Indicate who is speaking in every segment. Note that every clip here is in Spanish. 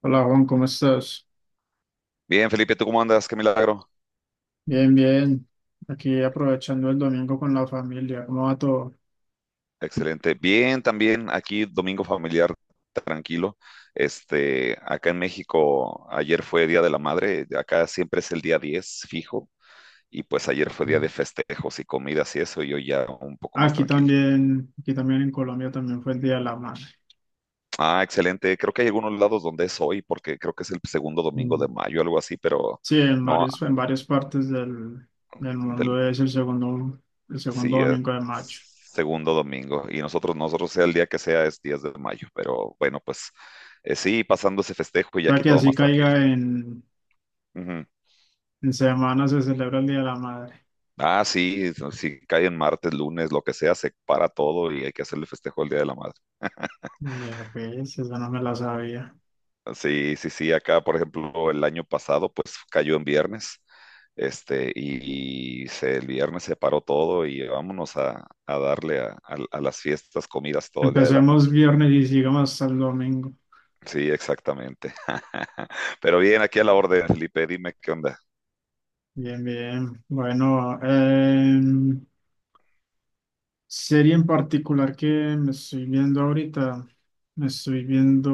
Speaker 1: Hola Juan, ¿cómo estás?
Speaker 2: Bien, Felipe, ¿tú cómo andas? Qué milagro.
Speaker 1: Bien, bien. Aquí aprovechando el domingo con la familia. ¿Cómo va todo?
Speaker 2: Excelente. Bien, también aquí domingo familiar, tranquilo. Acá en México, ayer fue Día de la Madre, acá siempre es el día 10 fijo, y pues ayer fue día
Speaker 1: Mm.
Speaker 2: de festejos y comidas y eso, y yo ya un poco más tranquilo.
Speaker 1: Aquí también en Colombia también fue el Día de la Madre.
Speaker 2: Ah, excelente. Creo que hay algunos lados donde es hoy, porque creo que es el segundo domingo
Speaker 1: Mm.
Speaker 2: de mayo, algo así, pero
Speaker 1: Sí, en
Speaker 2: no,
Speaker 1: varios, en varias partes del
Speaker 2: del
Speaker 1: mundo es el segundo
Speaker 2: Sí, es
Speaker 1: domingo de mayo.
Speaker 2: segundo domingo. Y nosotros sea el día que sea, es 10 de mayo. Pero bueno, pues sí, pasando ese festejo
Speaker 1: O
Speaker 2: y ya
Speaker 1: sea
Speaker 2: aquí
Speaker 1: que
Speaker 2: todo
Speaker 1: así
Speaker 2: más tranquilo. Ujú.
Speaker 1: en semana se celebra el Día de la Madre.
Speaker 2: Ah, sí, si cae en martes, lunes, lo que sea, se para todo y hay que hacerle festejo el Día de la Madre.
Speaker 1: Vea, pues, esa no me la sabía.
Speaker 2: Sí, sí, sí, acá, por ejemplo, el año pasado, pues cayó en viernes. Y se, el viernes se paró todo y vámonos a darle a las fiestas, comidas todo el Día de la
Speaker 1: Empecemos viernes y sigamos hasta el domingo.
Speaker 2: Sí, exactamente. Pero bien, aquí a la orden, Felipe, dime qué onda.
Speaker 1: Bien, bien. Bueno, serie en particular que me estoy viendo ahorita, me estoy viendo,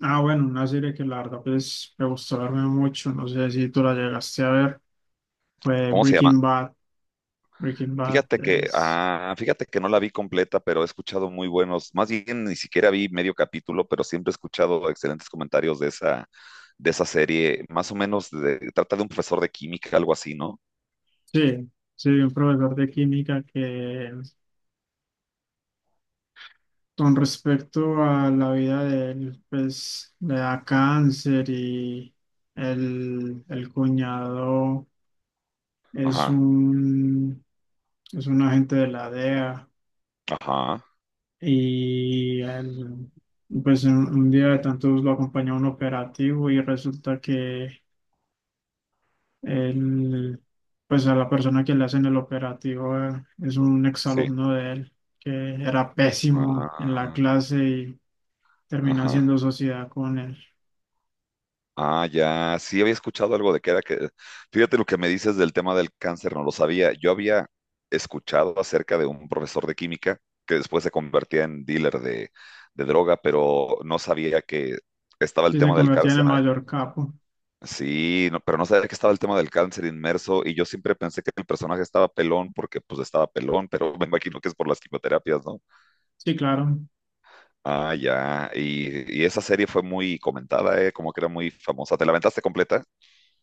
Speaker 1: bueno, una serie que la verdad pues me gustó verme mucho, no sé si tú la llegaste a ver, fue
Speaker 2: ¿Cómo se llama?
Speaker 1: Breaking Bad. Breaking Bad
Speaker 2: Fíjate que,
Speaker 1: es,
Speaker 2: ah, fíjate que no la vi completa, pero he escuchado muy buenos, más bien ni siquiera vi medio capítulo, pero siempre he escuchado excelentes comentarios de esa serie. Más o menos de- trata de un profesor de química, algo así, ¿no?
Speaker 1: sí, sí, un profesor de química que con respecto a la vida de él, pues le da cáncer y el cuñado. es
Speaker 2: Ajá,
Speaker 1: un, es un, agente de la DEA
Speaker 2: ajá,
Speaker 1: y él, pues un día de tantos lo acompañó a un operativo y resulta que él, pues a la persona que le hacen el operativo es un
Speaker 2: sí.
Speaker 1: exalumno de él que era pésimo en la
Speaker 2: Ah,
Speaker 1: clase y termina
Speaker 2: ajá,
Speaker 1: haciendo sociedad con él
Speaker 2: ah, ya, sí había escuchado algo de que era que, fíjate lo que me dices del tema del cáncer, no lo sabía. Yo había escuchado acerca de un profesor de química que después se convertía en dealer de droga, pero no sabía que estaba el
Speaker 1: y se
Speaker 2: tema del
Speaker 1: convertía en el
Speaker 2: cáncer.
Speaker 1: mayor capo.
Speaker 2: Sí, no- pero no sabía que estaba el tema del cáncer inmerso y yo siempre pensé que el personaje estaba pelón porque pues estaba pelón, pero me imagino que es por las quimioterapias, ¿no?
Speaker 1: Sí, claro.
Speaker 2: Ah, ya, y esa serie fue muy comentada, ¿eh? Como que era muy famosa. ¿Te la aventaste completa?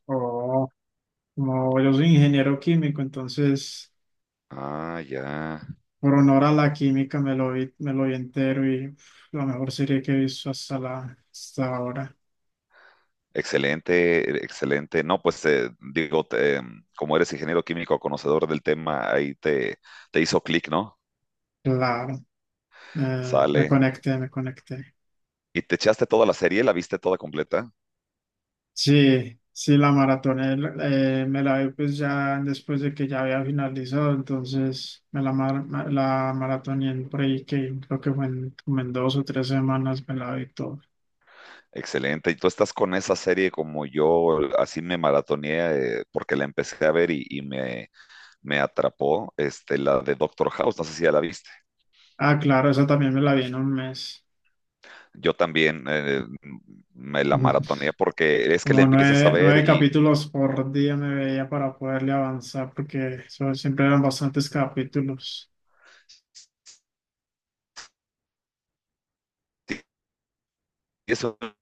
Speaker 1: Oh, como yo soy ingeniero químico, entonces...
Speaker 2: Ah, ya.
Speaker 1: Por honor a la química me lo vi entero y uf, la mejor serie que he visto hasta ahora.
Speaker 2: Excelente, excelente. No, pues digo, te, como eres ingeniero químico, conocedor del tema, ahí te hizo clic, ¿no?
Speaker 1: Claro, me
Speaker 2: Sale.
Speaker 1: conecté, me conecté.
Speaker 2: ¿Y te echaste toda la serie? ¿La viste toda completa?
Speaker 1: Sí, sí, la maratoné, me la vi pues ya después de que ya había finalizado, entonces me la, mar- ma- la maratoné en por ahí que creo que como en 2 o 3 semanas me la vi todo.
Speaker 2: Excelente. ¿Y tú estás con esa serie como yo? Así me maratoneé porque la empecé a ver y me atrapó, la de Doctor House, no sé si ya la viste.
Speaker 1: Ah, claro, esa también me la vi en un mes.
Speaker 2: Yo también me la maratoneé porque es que la
Speaker 1: Como
Speaker 2: empiezas a
Speaker 1: nueve,
Speaker 2: ver
Speaker 1: nueve
Speaker 2: y...
Speaker 1: capítulos por día me veía para poderle avanzar, porque eso siempre eran bastantes capítulos.
Speaker 2: es una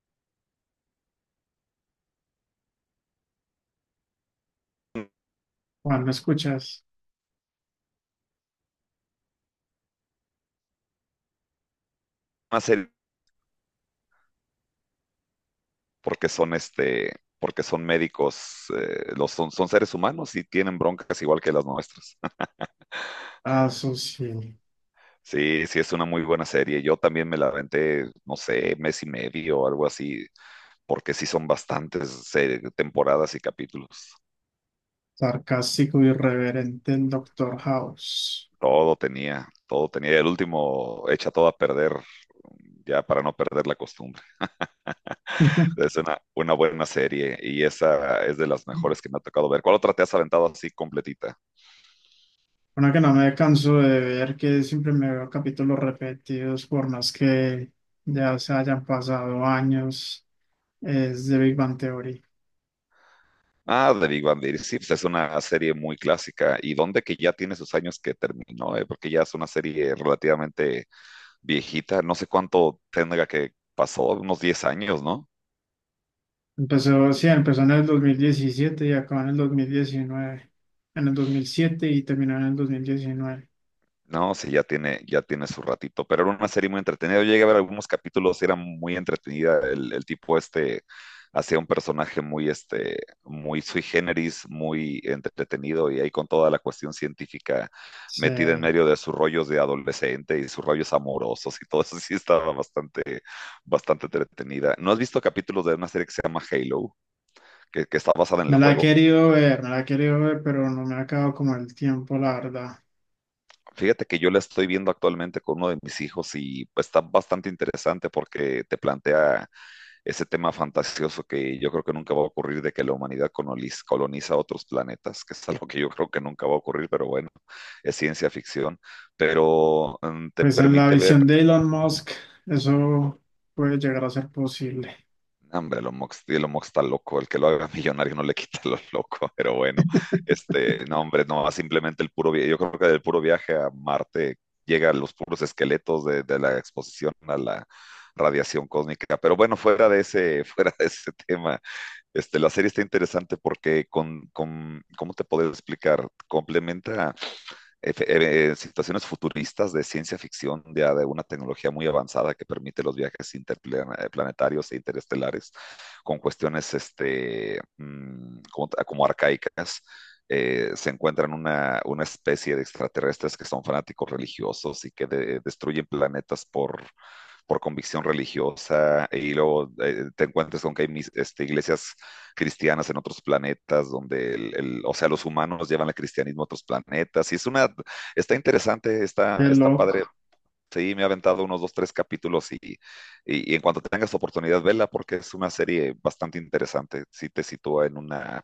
Speaker 1: Juan, ¿me escuchas?
Speaker 2: serie porque son porque son médicos, son seres humanos y tienen broncas igual que las nuestras.
Speaker 1: Ah, eso sí,
Speaker 2: Sí, sí, es una muy buena serie. Yo también me la aventé, no sé, mes y medio o algo así, porque sí son bastantes temporadas y capítulos.
Speaker 1: sarcástico, irreverente, el Doctor House.
Speaker 2: Todo tenía, todo tenía. El último echa todo a perder, ya para no perder la costumbre. Es una buena serie y esa es de las mejores que me ha tocado ver. ¿Cuál otra te has aventado así completita?
Speaker 1: Una que no me canso de ver, que siempre me veo capítulos repetidos, por más que ya se hayan pasado años, es de Big Bang Theory.
Speaker 2: Ah, The Big Bang Theory, sí, pues es una serie muy clásica y donde que ya tiene sus años que terminó, porque ya es una serie relativamente viejita, no sé cuánto tendrá que pasó, unos 10 años, ¿no?
Speaker 1: Empezó, sí, empezó en el 2017 y acabó en el 2019 en el 2007 y terminó en el 2019.
Speaker 2: No, sí, ya tiene su ratito, pero era una serie muy entretenida. Yo llegué a ver algunos capítulos, era muy entretenida. El tipo este hacía un personaje muy, muy sui generis, muy entretenido y ahí con toda la cuestión científica
Speaker 1: Sí,
Speaker 2: metida en medio de sus rollos de adolescente y sus rollos amorosos y todo eso sí estaba bastante, bastante entretenida. ¿No has visto capítulos de una serie que se llama Halo, que está basada en el
Speaker 1: me la he
Speaker 2: juego?
Speaker 1: querido ver, me la he querido ver, pero no me ha acabado como el tiempo, la verdad.
Speaker 2: Fíjate que yo la estoy viendo actualmente con uno de mis hijos y pues, está bastante interesante porque te plantea ese tema fantasioso que yo creo que nunca va a ocurrir de que la humanidad coloniz- coloniza otros planetas, que es algo que yo creo que nunca va a ocurrir, pero bueno, es ciencia ficción. Pero te
Speaker 1: Pues en la
Speaker 2: permite ver
Speaker 1: visión de Elon Musk, eso puede llegar a ser posible.
Speaker 2: No Hombre, lo Mox, sí, lo Mox está loco, el que lo haga millonario no le quita lo loco, pero bueno, no, hombre, no, simplemente el puro viaje, yo creo que del puro viaje a Marte llegan los puros esqueletos de la exposición a la radiación cósmica, pero bueno, fuera de ese, fuera de ese tema, la serie está interesante porque ¿cómo te puedo explicar? Complementa efe- situaciones futuristas de ciencia ficción, ya de una tecnología muy avanzada que permite los viajes interplanetarios e interestelares con cuestiones como arcaicas. Se encuentran una especie de extraterrestres que son fanáticos religiosos y que de- destruyen planetas por convicción religiosa y luego te encuentras con que hay iglesias cristianas en otros planetas donde, o sea, los humanos llevan el cristianismo a otros planetas y es una, está interesante,
Speaker 1: Qué
Speaker 2: está, está
Speaker 1: loco.
Speaker 2: padre. Sí, me he aventado unos dos, tres capítulos y, y en cuanto tengas oportunidad, vela porque es una serie bastante interesante. Sí te sitúa en una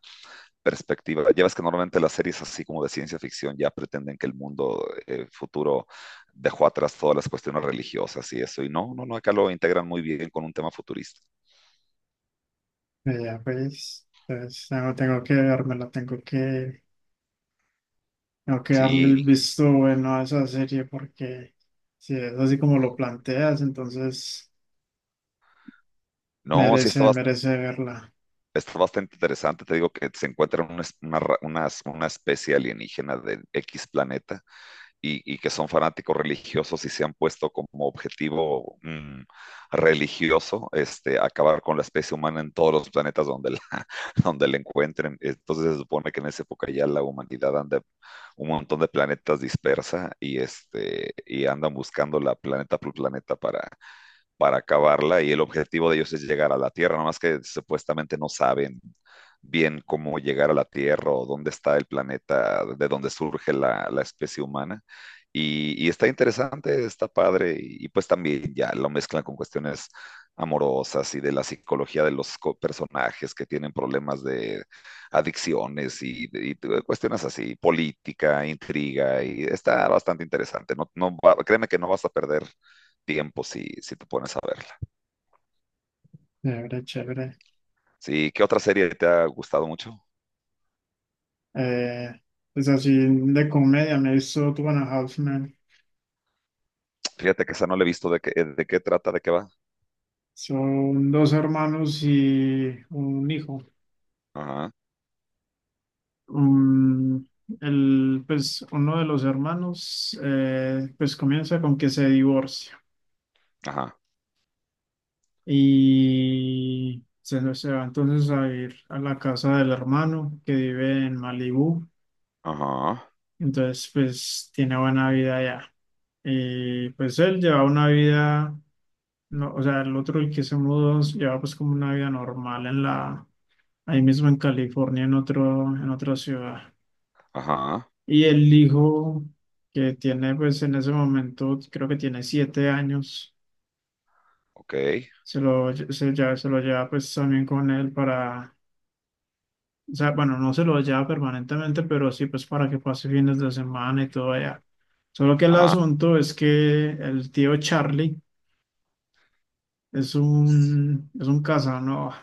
Speaker 2: perspectiva. Ya ves que normalmente las series así como de ciencia ficción ya pretenden que el mundo futuro dejó atrás todas las cuestiones religiosas y eso. Y no, no, no, acá lo integran muy bien con un tema futurista.
Speaker 1: Ya pues, entonces tengo, tengo que vermela, tengo que darle el
Speaker 2: Sí,
Speaker 1: visto bueno a esa serie porque si es así como lo planteas, entonces...
Speaker 2: no, sí está,
Speaker 1: Merece,
Speaker 2: bas-
Speaker 1: merece verla.
Speaker 2: está bastante interesante. Te digo que se encuentran una, es- una ra- unas- una especie alienígena de X planeta y que son fanáticos religiosos y se han puesto como objetivo religioso acabar con la especie humana en todos los planetas donde la, donde la encuentren. Entonces se supone que en esa época ya la humanidad anda un montón de planetas dispersa y, y andan buscando la planeta por planeta para acabarla y el objetivo de ellos es llegar a la Tierra, nomás que supuestamente no saben bien cómo llegar a la Tierra o dónde está el planeta, de dónde surge la, la especie humana. Está interesante, está padre y pues también ya lo mezclan con cuestiones amorosas y de la psicología de los co- personajes que tienen problemas de adicciones cuestiones así, política, intriga, y está bastante interesante. No, no, créeme que no vas a perder tiempo si, si te pones a verla.
Speaker 1: Chévere, chévere.
Speaker 2: Sí, ¿qué otra serie te ha gustado mucho?
Speaker 1: Eh, pues así de comedia, me he visto Two and a Half Men.
Speaker 2: Fíjate que esa no la he visto de qué trata, de qué va.
Speaker 1: Son dos hermanos y un hijo.
Speaker 2: Ajá,
Speaker 1: Um, el, pues uno de los hermanos pues comienza con que se divorcia
Speaker 2: ajá,
Speaker 1: y se va entonces a ir a la casa del hermano que vive en Malibú.
Speaker 2: ajá,
Speaker 1: Entonces pues tiene buena vida allá. Y pues él lleva una vida. No, o sea, el otro el que se mudó llevaba pues como una vida normal en la, ahí mismo en California, en otro, en otra ciudad.
Speaker 2: ajá,
Speaker 1: Y el hijo que tiene pues en ese momento, creo que tiene 7 años,
Speaker 2: ok,
Speaker 1: se lo lleva pues también con él para, o sea, bueno, no se lo lleva permanentemente, pero sí pues para que pase fines de semana y todo allá. Solo que el
Speaker 2: ajá.
Speaker 1: asunto es que el tío Charlie es un casano,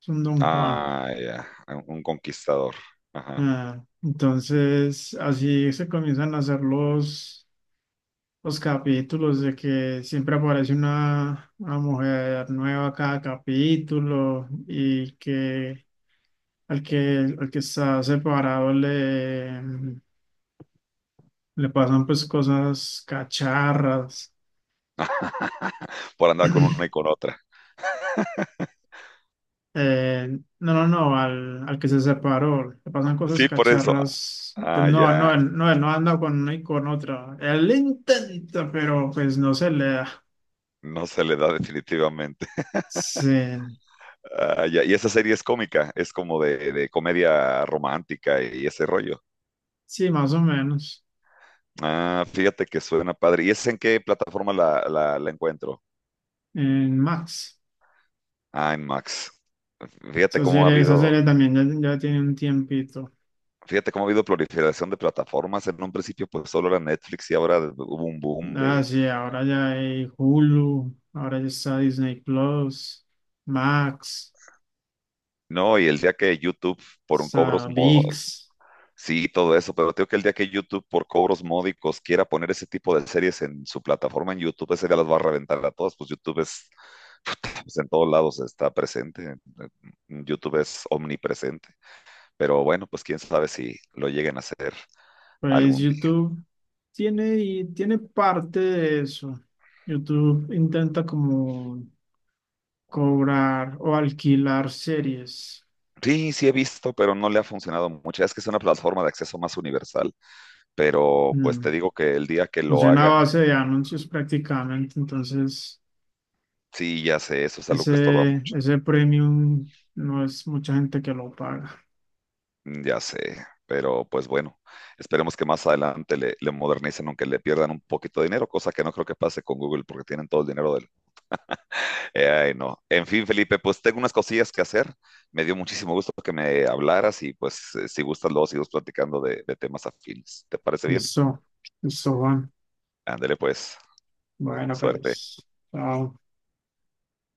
Speaker 1: es un don Juan.
Speaker 2: Ah, ya, un conquistador. Ajá.
Speaker 1: Ah, entonces, así se comienzan a hacer los capítulos de que siempre aparece una mujer nueva cada capítulo y que al que está separado le pasan pues cosas cacharras.
Speaker 2: Por andar con una y con otra.
Speaker 1: No, no, al que se separó le pasan cosas
Speaker 2: Sí, por eso.
Speaker 1: cacharras. Pues
Speaker 2: Ah,
Speaker 1: no,
Speaker 2: ya.
Speaker 1: no, él- no, él no anda con una y con otra. Él intenta, pero pues no se le da.
Speaker 2: No se le da definitivamente.
Speaker 1: Sí,
Speaker 2: Ah, ya. Y esa serie es cómica, es como de comedia romántica y ese rollo.
Speaker 1: sí, más o menos.
Speaker 2: Ah, fíjate que suena padre. ¿Y es en qué plataforma la encuentro?
Speaker 1: En Max.
Speaker 2: Ah, en Max. Fíjate cómo ha
Speaker 1: Esa
Speaker 2: habido,
Speaker 1: serie también ya, ya tiene un tiempito.
Speaker 2: fíjate cómo ha habido proliferación de plataformas. En un principio, pues solo era Netflix y ahora hubo un boom
Speaker 1: Ah,
Speaker 2: de.
Speaker 1: sí, ahora ya hay Hulu, ahora ya está Disney Plus, Max,
Speaker 2: No, y el día que YouTube por un cobros
Speaker 1: está
Speaker 2: mo-
Speaker 1: ViX.
Speaker 2: sí, todo eso, pero creo que el día que YouTube por cobros módicos quiera poner ese tipo de series en su plataforma en YouTube, ese día las va a reventar a todas. Pues YouTube es, pues, en todos lados está presente. YouTube es omnipresente. Pero bueno, pues quién sabe si lo lleguen a hacer
Speaker 1: Pues
Speaker 2: algún día.
Speaker 1: YouTube tiene, y tiene parte de eso. YouTube intenta como cobrar o alquilar series.
Speaker 2: Sí, sí he visto, pero no le ha funcionado mucho. Es que es una plataforma de acceso más universal, pero pues
Speaker 1: Mm.
Speaker 2: te digo que el día que lo
Speaker 1: Funciona a
Speaker 2: hagan,
Speaker 1: base de anuncios prácticamente, entonces.
Speaker 2: sí, ya sé, eso es algo que estorba
Speaker 1: Ese,
Speaker 2: mucho.
Speaker 1: ese premium no es mucha gente que lo paga.
Speaker 2: Ya sé, pero pues bueno, esperemos que más adelante le modernicen, aunque le pierdan un poquito de dinero, cosa que no creo que pase con Google porque tienen todo el dinero del ay, no. En fin, Felipe, pues tengo unas cosillas que hacer. Me dio muchísimo gusto que me hablaras y pues si gustas luego seguimos platicando de temas afines. ¿Te parece bien?
Speaker 1: Eso, eso, Juan.
Speaker 2: Ándale pues,
Speaker 1: Bueno,
Speaker 2: suerte.
Speaker 1: pues, chao.